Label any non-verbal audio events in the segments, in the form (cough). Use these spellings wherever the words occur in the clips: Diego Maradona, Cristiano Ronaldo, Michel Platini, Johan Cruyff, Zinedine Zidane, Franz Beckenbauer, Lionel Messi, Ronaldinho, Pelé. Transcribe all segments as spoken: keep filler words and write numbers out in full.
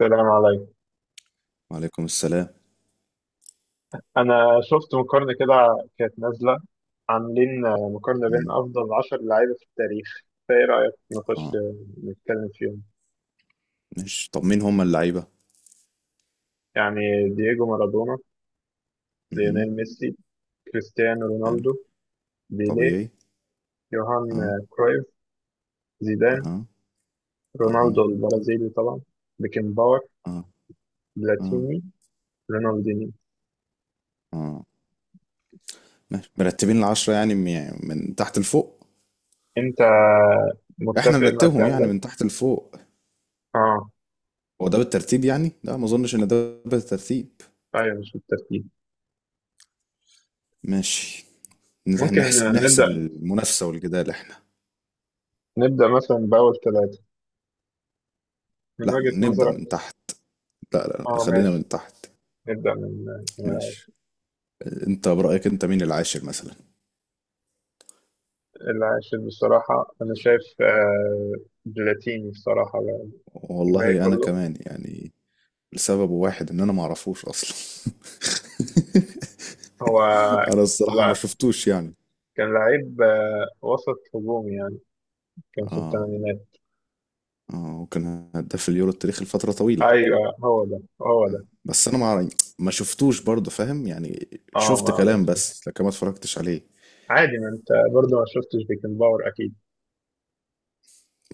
السلام عليكم. وعليكم السلام. أنا شفت مقارنة كده كانت نازلة، عاملين مقارنة بين مم. أفضل عشر لعيبة في التاريخ. فإيه رأيك نخش اه، نتكلم فيهم؟ مش طب مين هم اللعيبة؟ يعني دييجو مارادونا، مهم. ليونيل ميسي، كريستيانو حلو. رونالدو، بيليه، طبيعي. يوهان اه. كرويف، زيدان، اها. رونالدو اها. البرازيلي طبعا، بيكنباور، اه. اه. بلاتيني، رونالديني. اه، ماشي، مرتبين العشرة يعني من يعني من تحت لفوق؟ أنت احنا متفق مع نرتبهم الكلام يعني من ده؟ تحت لفوق. آه، هو ده بالترتيب يعني؟ لا ما اظنش ان ده بالترتيب. أيوه، مش بالترتيب. ماشي، ممكن نحسب نبدأ نحسب المنافسة والجدال احنا. نبدأ مثلا بأول ثلاثة من لا، وجهة نبدأ نظرك. من تحت. لا لا، اه، خلينا ماشي، من تحت. نبدأ من من ماشي، العاشر. انت برأيك انت مين العاشر مثلا؟ العاشر بصراحة أنا شايف آه، بلاتيني بصراحة بقى. الباقي والله انا كله. كمان يعني، لسبب واحد ان انا ما اعرفوش اصلا. (laughs) هو، انا الصراحه ما لا، شفتوش يعني. كان لعيب آه، وسط هجومي، يعني كان في اه. الثمانينات. اه، وكان هداف اليورو التاريخي لفتره طويله. أيوه، هو ده هو ده. بس انا ما أعرف- ما شفتوش برضه، فاهم؟ يعني اه، شفت ما كلام بس بس لكن ما اتفرجتش عليه. عادي، ما أنت برضه ما شفتش بيكنباور أكيد.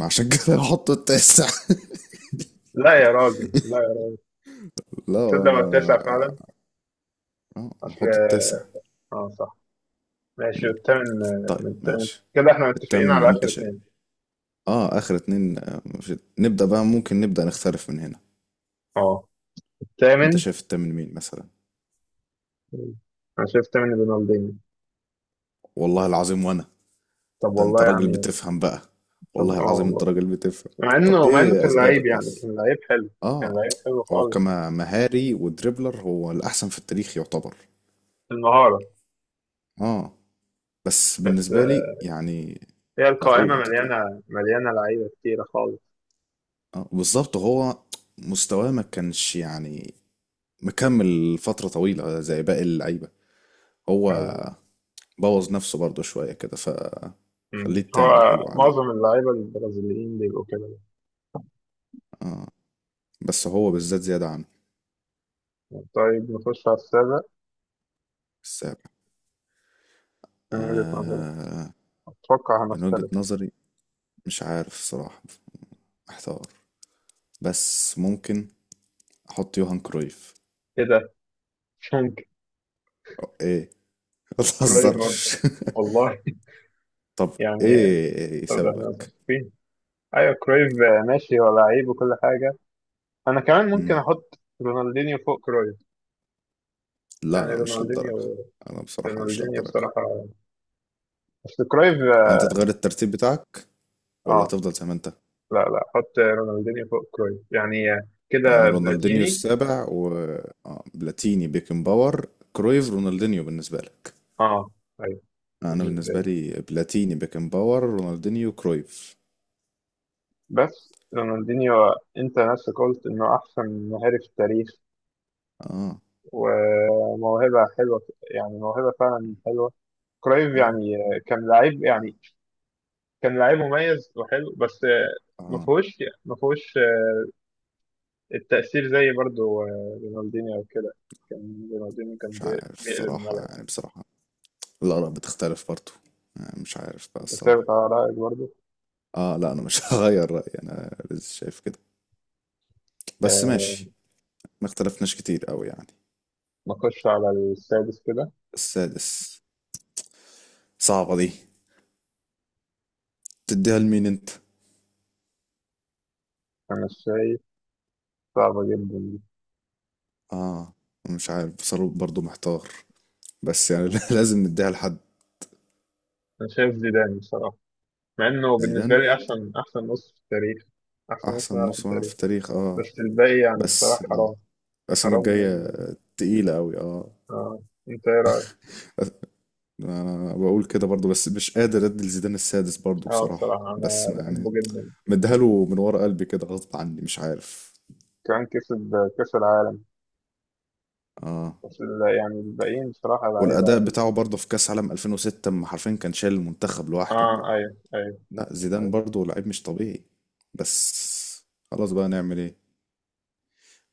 ما عشان كده هحط التاسع. لا يا راجل، لا يا راجل. (laughs) لا تصدق هو انا التاسع فعلا. اه، آه، انا أصل، هحط التاسع. اه، صح، ماشي. والثامن، آه، طيب من الثامن. ماشي. كده احنا متفقين التامن على انت آخر شايف؟ اتنين. اه، اخر اتنين. آه، مفيش- نبدأ بقى، ممكن نبدأ نختلف من هنا. اه. انت الثامن. شايف التامن مين مثلا؟ مم. انا شايف تمني رونالدينيو. والله العظيم وانا، طب ده انت والله راجل يعني. بتفهم بقى. طب، والله اه، العظيم انت والله، راجل بتفهم. مع طب انه مع انه ايه كان لعيب، اسبابك يعني بس؟ كان لعيب حلو. كان اه، لعيب حلو هو خالص. كما مهاري ودريبلر هو الاحسن في التاريخ يعتبر. المهارة. اه. بس بس، بالنسبه لي آه، يعني، هي اقول القائمة انت اتفضل. مليانة مليانة لعيبة كتيرة خالص. اه بالظبط، هو مستواه ما كانش يعني مكمل فتره طويله زي باقي اللعيبه. هو أيوة. بوظ نفسه برضه شويه كده، ف أمم. خليه التامن هو حلو عليه. معظم اللعيبة البرازيليين بيبقوا كده. اه، بس هو بالذات زياده عنه. طيب، نخش على السابع. السابع. من وجهة نظري آه. أتوقع من وجهة هنختلف. نظري مش عارف الصراحة، محتار. بس ممكن أحط يوهان كرويف. إيه ده؟ ممكن. أو إيه؟ (laughs) ما كرويف أصلا؟ تهزرش. (laughs) والله. (laughs) طب يعني. إيه طب، ده احنا سببك؟ متفقين. أيوة، كرويف، آه، ماشي، هو لعيب وكل حاجة. انا كمان ممكن مم. احط رونالدينيو فوق كرويف. لا يعني لا، مش للدرجة. رونالدينيو. أنا بصراحة مش رونالدينيو للدرجة. بصراحة. اصل كرويف. يعني أنت تغير الترتيب بتاعك ولا اه، تفضل زي ما أنت؟ لا لا، احط رونالدينيو فوق كرويف، يعني آه، يعني كده رونالدينيو بلاتيني. السابع و آه، بلاتيني بيكنباور كرويف رونالدينيو بالنسبة لك. اه، ايوه. أنا بالنسبة بالنسبة لي لي بلاتيني بيكنباور رونالدينيو كرويف. بس رونالدينيو، انت نفسك قلت انه احسن مهاري في التاريخ آه. وموهبة حلوة. يعني موهبة فعلا حلوة. كرويف آه. يعني آه، كان لعيب، آه. يعني كان لعيب مميز وحلو، بس. آه، ما آه. فيهوش ما فيهوش التأثير زي برضو آه، رونالدينيو وكده. كان رونالدينيو كان مش بي- عارف بيقلب الصراحة، الملعب. يعني بصراحة الآراء بتختلف برضه. يعني مش عارف بقى انت الصراحة. ثابت على رأيك برضو. اه لا انا مش (laughs) هغير رأيي، انا لسه شايف كده. بس ماشي، آه، ما اختلفناش كتير قوي يعني. نخش على السادس كده. السادس. صعبة دي، تديها لمين انت؟ انا شايف صعبة جدا دي. اه، مش عارف بصراحة، برضه محتار. بس يعني (laughs) لازم نديها لحد. انا شايف زيدان بصراحة، مع انه بالنسبة زيدان. لي احسن احسن نص في التاريخ، احسن نص احسن ملعب في نص ملعب التاريخ، في التاريخ اه. بس الباقي يعني بصراحة بس حرام. الاسامي حرام الجاية يعني. تقيلة قوي اه. اه. انت ايه رأيك؟ انا بقول كده برضه بس مش قادر ادي لزيدان السادس برضه اه، بصراحة، بصراحة بس انا بحبه يعني جدا. مديها له من ورا قلبي كده غصب عني، مش عارف. كان كسب كأس العالم، اه، بس ال- يعني الباقيين بصراحة والاداء لعيبة. بتاعه برضه في كاس عالم ألفين وستة اما حرفيا كان شايل المنتخب لوحده. اه، ايوه، ايوه. لا زيدان برضه لعيب مش طبيعي. بس خلاص بقى، نعمل ايه؟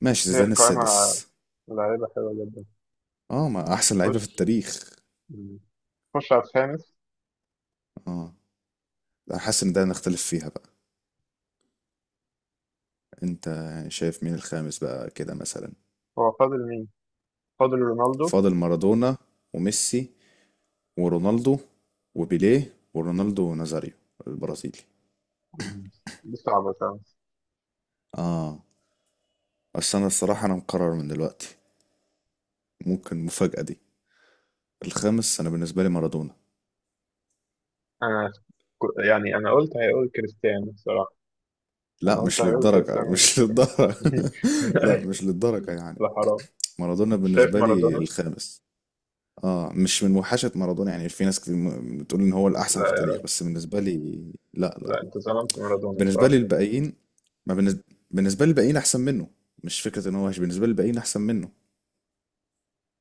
ماشي، هي زيدان القائمة السادس. لعيبة حلوة جدا. اه، ما احسن لعيبه خش في التاريخ. خش على الخامس. اه، لا حاسس ان ده نختلف فيها بقى. انت شايف مين الخامس بقى كده مثلا؟ هو فاضل مين؟ فاضل رونالدو. فاضل مارادونا وميسي ورونالدو وبيليه ورونالدو نازاريو البرازيلي. مم. دي صعبة صعبة. اه، بس انا الصراحة انا مقرر من دلوقتي. ممكن المفاجأة دي، الخامس انا بالنسبة لي مارادونا. أنا ك- يعني أنا قلت هيقول كريستيانو بصراحة. أنا لا قلت مش هيقول للدرجة، كريستيانو. مش (laughs) (laughs) للدرجة. لا مش للدرجة يعني. لا، حرام. مارادونا أنت شايف بالنسبة لي مارادونا؟ الخامس. اه، مش من وحشة مارادونا، يعني في ناس كتير م- بتقول ان هو لا الاحسن في يا التاريخ، راجل. بس بالنسبة لي. لا لا، لا، أنت ظلمت مارادونا بالنسبة بصراحة. لي الباقيين، ما بالنسبة، بالنسبة لي الباقيين احسن منه. مش فكرة ان هو وحش، بالنسبة لي الباقيين احسن منه.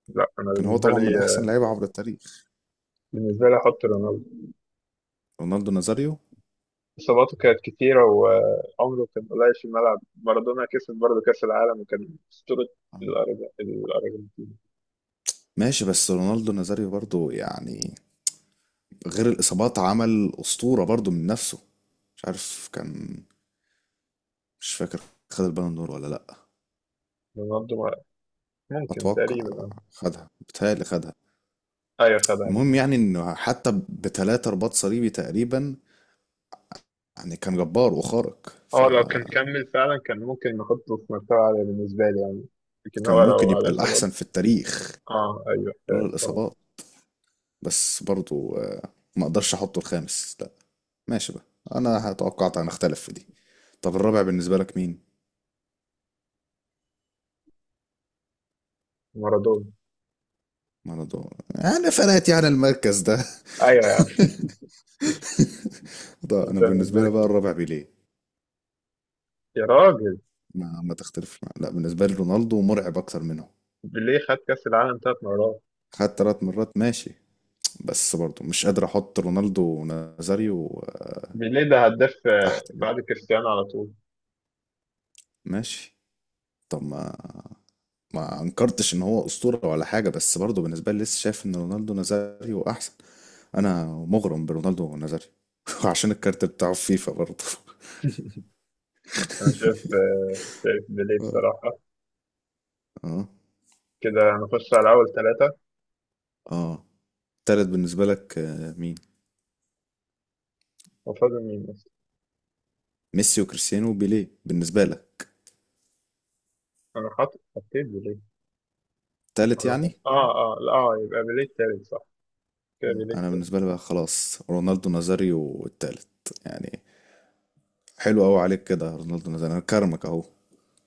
لا، أنا كان هو بالنسبة طبعا لي، من احسن لعيبة عبر التاريخ. بالنسبة لي أحط رونالدو. رونالدو نازاريو. إصاباته كانت كتيرة وعمره كان قليل في الملعب، مارادونا كسب برضه كأس العالم وكان أسطورة آه، الأرج- الأرجنتين. ماشي، بس رونالدو نازاريو برضو يعني غير الإصابات عمل أسطورة برضو من نفسه. مش عارف، كان، مش فاكر، خد البالون دور ولا لأ؟ رونالدو ما- ممكن أتوقع، تقريبا، أه. خدها، بتهيألي خدها. أيوة، خدها المهم رونالدو. يعني إنه حتى بتلاتة رباط صليبي تقريبا، يعني كان جبار وخارق، هو لو كان فكان كمل فعلا كان ممكن نحطه في مرتبة عالية بالنسبة لي يعني، لكن هو لو ممكن على يبقى إصابات. الأحسن في التاريخ أه، أيوة، لولا آه، صراحة. الإصابات. بس برضو آه، ما أقدرش أحطه الخامس لأ. ماشي بقى، أنا توقعت هنختلف في دي. طب الرابع بالنسبة لك مين؟ مارادونا. مارادونا. أنا فرقت يعني المركز ده. أيوة يا عم. (laughs) ده أنت أنا بالنسبة بالنسبة لي لك بقى مين؟ الرابع بيليه. يا راجل، ما ما تختلف مع- لا بالنسبة لي رونالدو مرعب أكتر منهم. بيليه خد كأس العالم ثلاث مرات. خد تلات مرات، ماشي. بس برضو مش قادر أحط رونالدو ونازاريو بيليه ده هداف، آه، تحت كده. بعد كريستيانو على طول. ماشي. طب ما ما أنكرتش إن هو أسطورة ولا حاجة، بس برضو بالنسبة لي لسه شايف إن رونالدو ونازاريو أحسن. أنا مغرم برونالدو ونازاريو. (laughs) عشان الكارت بتاعه في فيفا برضو. (laughs) أنا شايف آه، شايف بيليه آه. بصراحة. اه. كده نخش على أول ثلاثة. اه، تالت بالنسبة لك آه، مين؟ وفاضل مين بس. ميسي وكريستيانو وبيليه بالنسبة لك. أنا حاطط حطيت بيليه. تالت أنا يعني؟ حاطط آه آه لا آه يبقى بيليه التالت صح. كده بيليه انا التالت. بالنسبه لي بقى خلاص، رونالدو نازاريو التالت يعني. حلو قوي عليك كده رونالدو نازاريو، انا كرمك اهو.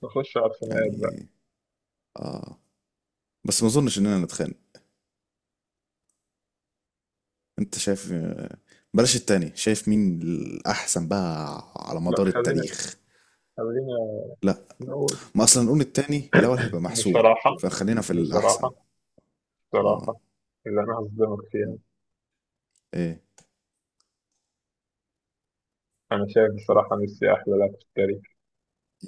نخش على الخناقات بقى. يعني، اه، بس ما اظنش اننا نتخانق. انت شايف آه، بلاش التاني، شايف مين الاحسن بقى على لا، مدار خلينا التاريخ؟ خلينا لا، نقول. ما اصلا نقول التاني الاول هيبقى (coughs) محسوم، بصراحة فخلينا في الاحسن. بصراحة اه، بصراحة اللي أنا هصدمك فيها. ايه أنا شايف و- بصراحة ميسي أحلى لاعب في التاريخ.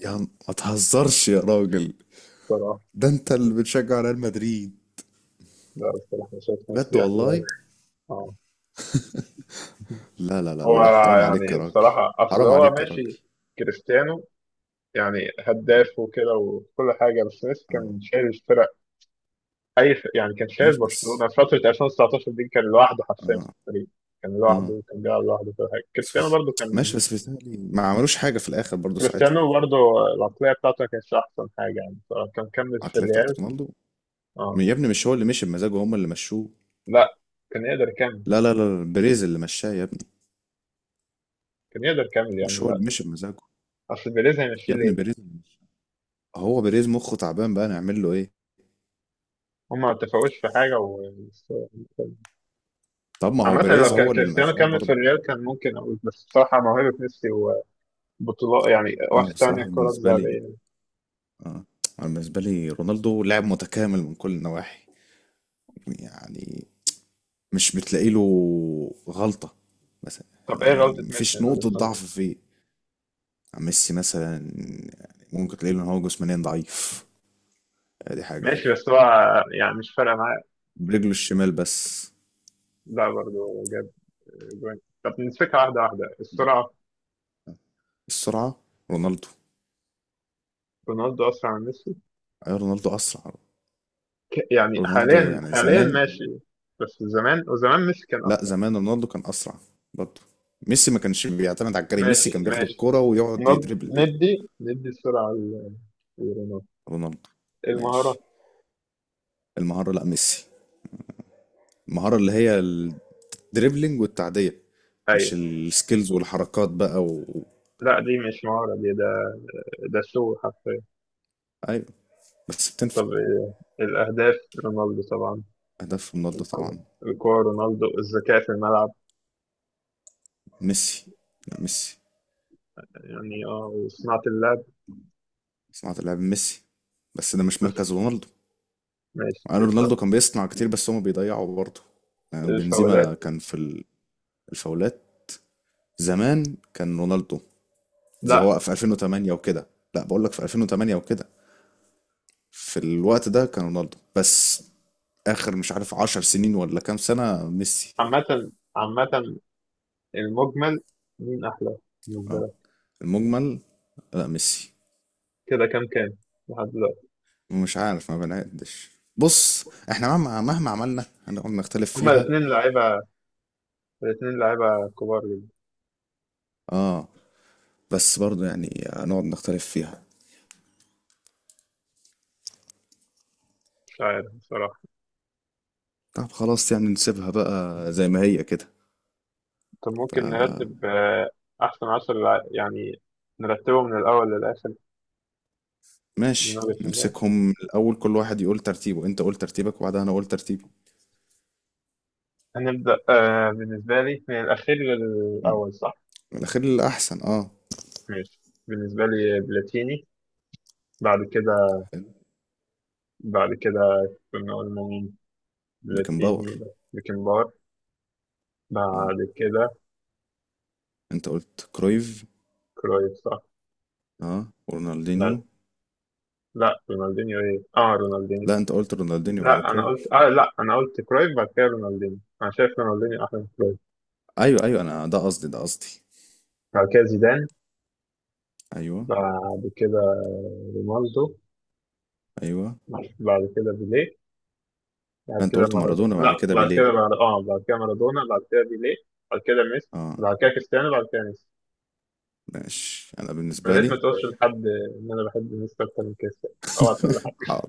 يا عم ما تهزرش يا راجل، بصراحة. ده انت اللي بتشجع ريال مدريد. لا، بصراحة أنا شايف بجد ميسي أحلى لاعب. والله؟ آه. لا لا لا هو، لا، حرام عليك يا يعني راجل. بصراحة أصل حرام هو عليك يا راجل. ماشي. كريستيانو يعني هداف وكده وكل حاجة، بس ميسي اه كان شايل الفرق. اي ف... يعني كان شايل ماشي، بس برشلونه في فتره ألفين وتسعتاشر دي، كان لوحده حرفيا اه في الفريق. كان اه، لوحده، كان بيلعب لوحده في حاجه. بس كريستيانو بس- برضه كان. ماشي، بس بيتهيألي ما عملوش حاجة في الآخر برضو ساعتها. كريستيانو برضه العقليه بتاعته ما كانتش احسن حاجه يعني. كان كمل في العقلية الريال. بتاعت رونالدو؟ اه، يا ابني مش هو اللي مشي بمزاجه، هم اللي مشوه. لا، كان يقدر يكمل. لا لا لا، بيريز اللي مشاه يا ابني. كان يقدر يكمل يعني، مش هو لا. اللي مشي بمزاجه. اصل بيريز هيمشي يا ابني ليه؟ بيريز اللي مشاه. هو بيريز مخه تعبان بقى، نعمل له ايه؟ هما ما اتفقوش في حاجه و طب (laughs) ما هو عامة، بيريز لو كان هو اللي كريستيانو مشاه كمل في برضو. الريال كان ممكن أقول، بس بصراحة موهبة ميسي وبطولات، يعني انا واخد تاني بصراحة الكرة بالنسبة لي، الذهبية. اه، انا بالنسبة لي رونالدو لاعب متكامل من كل النواحي. يعني مش بتلاقي له غلطة مثلا. طب إيه غلطة يعني ميسي مفيش من وجهة نقطة نظرك؟ ضعف فيه. يعني ميسي مثلا يعني، ممكن تلاقي له ان هو جسمانيا ضعيف، دي حاجة اهي. ماشي بس هو يعني مش فارقة معاه. برجله الشمال بس. لا، برضه جاب جوان. طب نمسكها واحدة واحدة. السرعة. السرعة. رونالدو. رونالدو أسرع من ميسي. ايوه رونالدو اسرع. ك- يعني رونالدو حاليا، يعني حاليا زمان. ماشي، بس زمان وزمان ميسي كان لا، أسرع. زمان رونالدو كان اسرع برضه. ميسي ما كانش بيعتمد على الجري، ماشي ميسي كان بياخد ماشي. الكرة ويقعد نض- يدربل بيها. ندي ندي السرعة ل- لرونالدو. رونالدو. المهارة. ماشي. المهارة لا ميسي. المهارة اللي هي الدريبلينج والتعدية، مش أيوة. السكيلز والحركات بقى و... و- لا، دي مش مهارة، دي ده ده شو حرفيا. ايوه، بس بتنفع. طب إيه؟ الأهداف رونالدو طبعا. اهداف رونالدو الكورة. طبعا. الكورة رونالدو. الذكاء في الملعب، ميسي. لا ميسي. يعني اه وصناعة اللعب. صناعة اللعب ميسي. بس ده مش بس مركز رونالدو. ماشي. مع ان رونالدو كان بيصنع كتير بس هما بيضيعوا برضه. يعني الفاولات. بنزيما كان في ال- الفاولات. زمان كان رونالدو، زي لا. هو في ألفين وتمانية وكده. لا بقول لك في ألفين وتمانية وكده، في الوقت ده كان رونالدو بس. اخر مش عارف 10 سنين ولا كام سنة ميسي. عامة عامة المجمل، مين أحلى بالنسبة اه، لك؟ المجمل. لا ميسي. كده كام كام لحد دلوقتي؟ مش عارف، ما بنعدش. بص، احنا مهما مهما عملنا هنقعد نختلف هما فيها. الاتنين لعيبة. الاتنين لعيبة كبار جدا. اه، بس برضو يعني هنقعد نختلف فيها. مش عارف بصراحة. طب خلاص، يعني نسيبها بقى زي ما هي كده. طب ف ممكن نرتب، آه، أحسن عشر لع- يعني نرتبه من الأول للآخر. من ماشي، وجهة نظري نمسكهم الاول، كل واحد يقول ترتيبه. انت قول ترتيبك وبعدها انا اقول ترتيبي. هنبدأ آه بالنسبة لي من الأخير مم. للأول صح؟ الاخير الاحسن اه. ماشي. بالنسبة لي بلاتيني. بعد كده. حلو. بعد كده كنا قلنا مين. بيكنباور بلاتيني، بيكنبار. اه. بعد كده انت قلت كرويف. كرويف صح. اه لا ورونالدينيو. لا، رونالدينيو ايه اه رونالدينيو لا انت قلت رونالدينيو بعد لا انا قلت كرويف. اه لا، انا قلت كرويف بعد كده رونالدينيو. انا شايف رونالدينيو احلى من كرويف. ايوه ايوه انا، ده قصدي ده قصدي. بعد كده زيدان. ايوه بعد كده رونالدو. ايوه. بعد كده بيليه. بعد لا، انت كده قلت مارادونا. مارادونا لا، بعد كده بعد كده، بيليه. بعد اه بعد كده مارادونا، بعد كده بيليه. بعد كده ميسي. اه بعد كده كريستيانو بعد كده ميسي. ماشي انا يا بالنسبه ريت لي. ما تقولش لحد ان انا بحب ميسي اكتر من كريستيانو. اوعى تقول لحد. حاضر.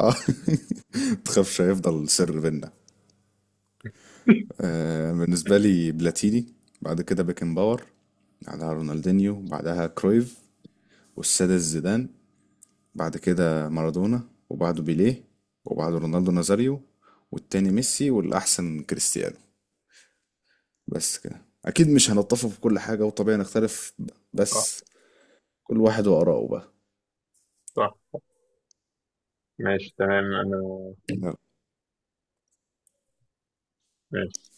اه. (laughs) تخافش، هيفضل سر بينا. آه بالنسبه لي بلاتيني، بعد كده بيكن باور، بعدها رونالدينيو، بعدها كرويف، والسادس زيدان، بعد كده مارادونا، وبعده بيليه، وبعده رونالدو نازاريو، والتاني ميسي، والاحسن كريستيانو. بس كده اكيد مش هنتفق في كل حاجه وطبيعي نختلف. اه، بس كل واحد واراءه بقى. صح، ماشي، تمام. انا ماشي.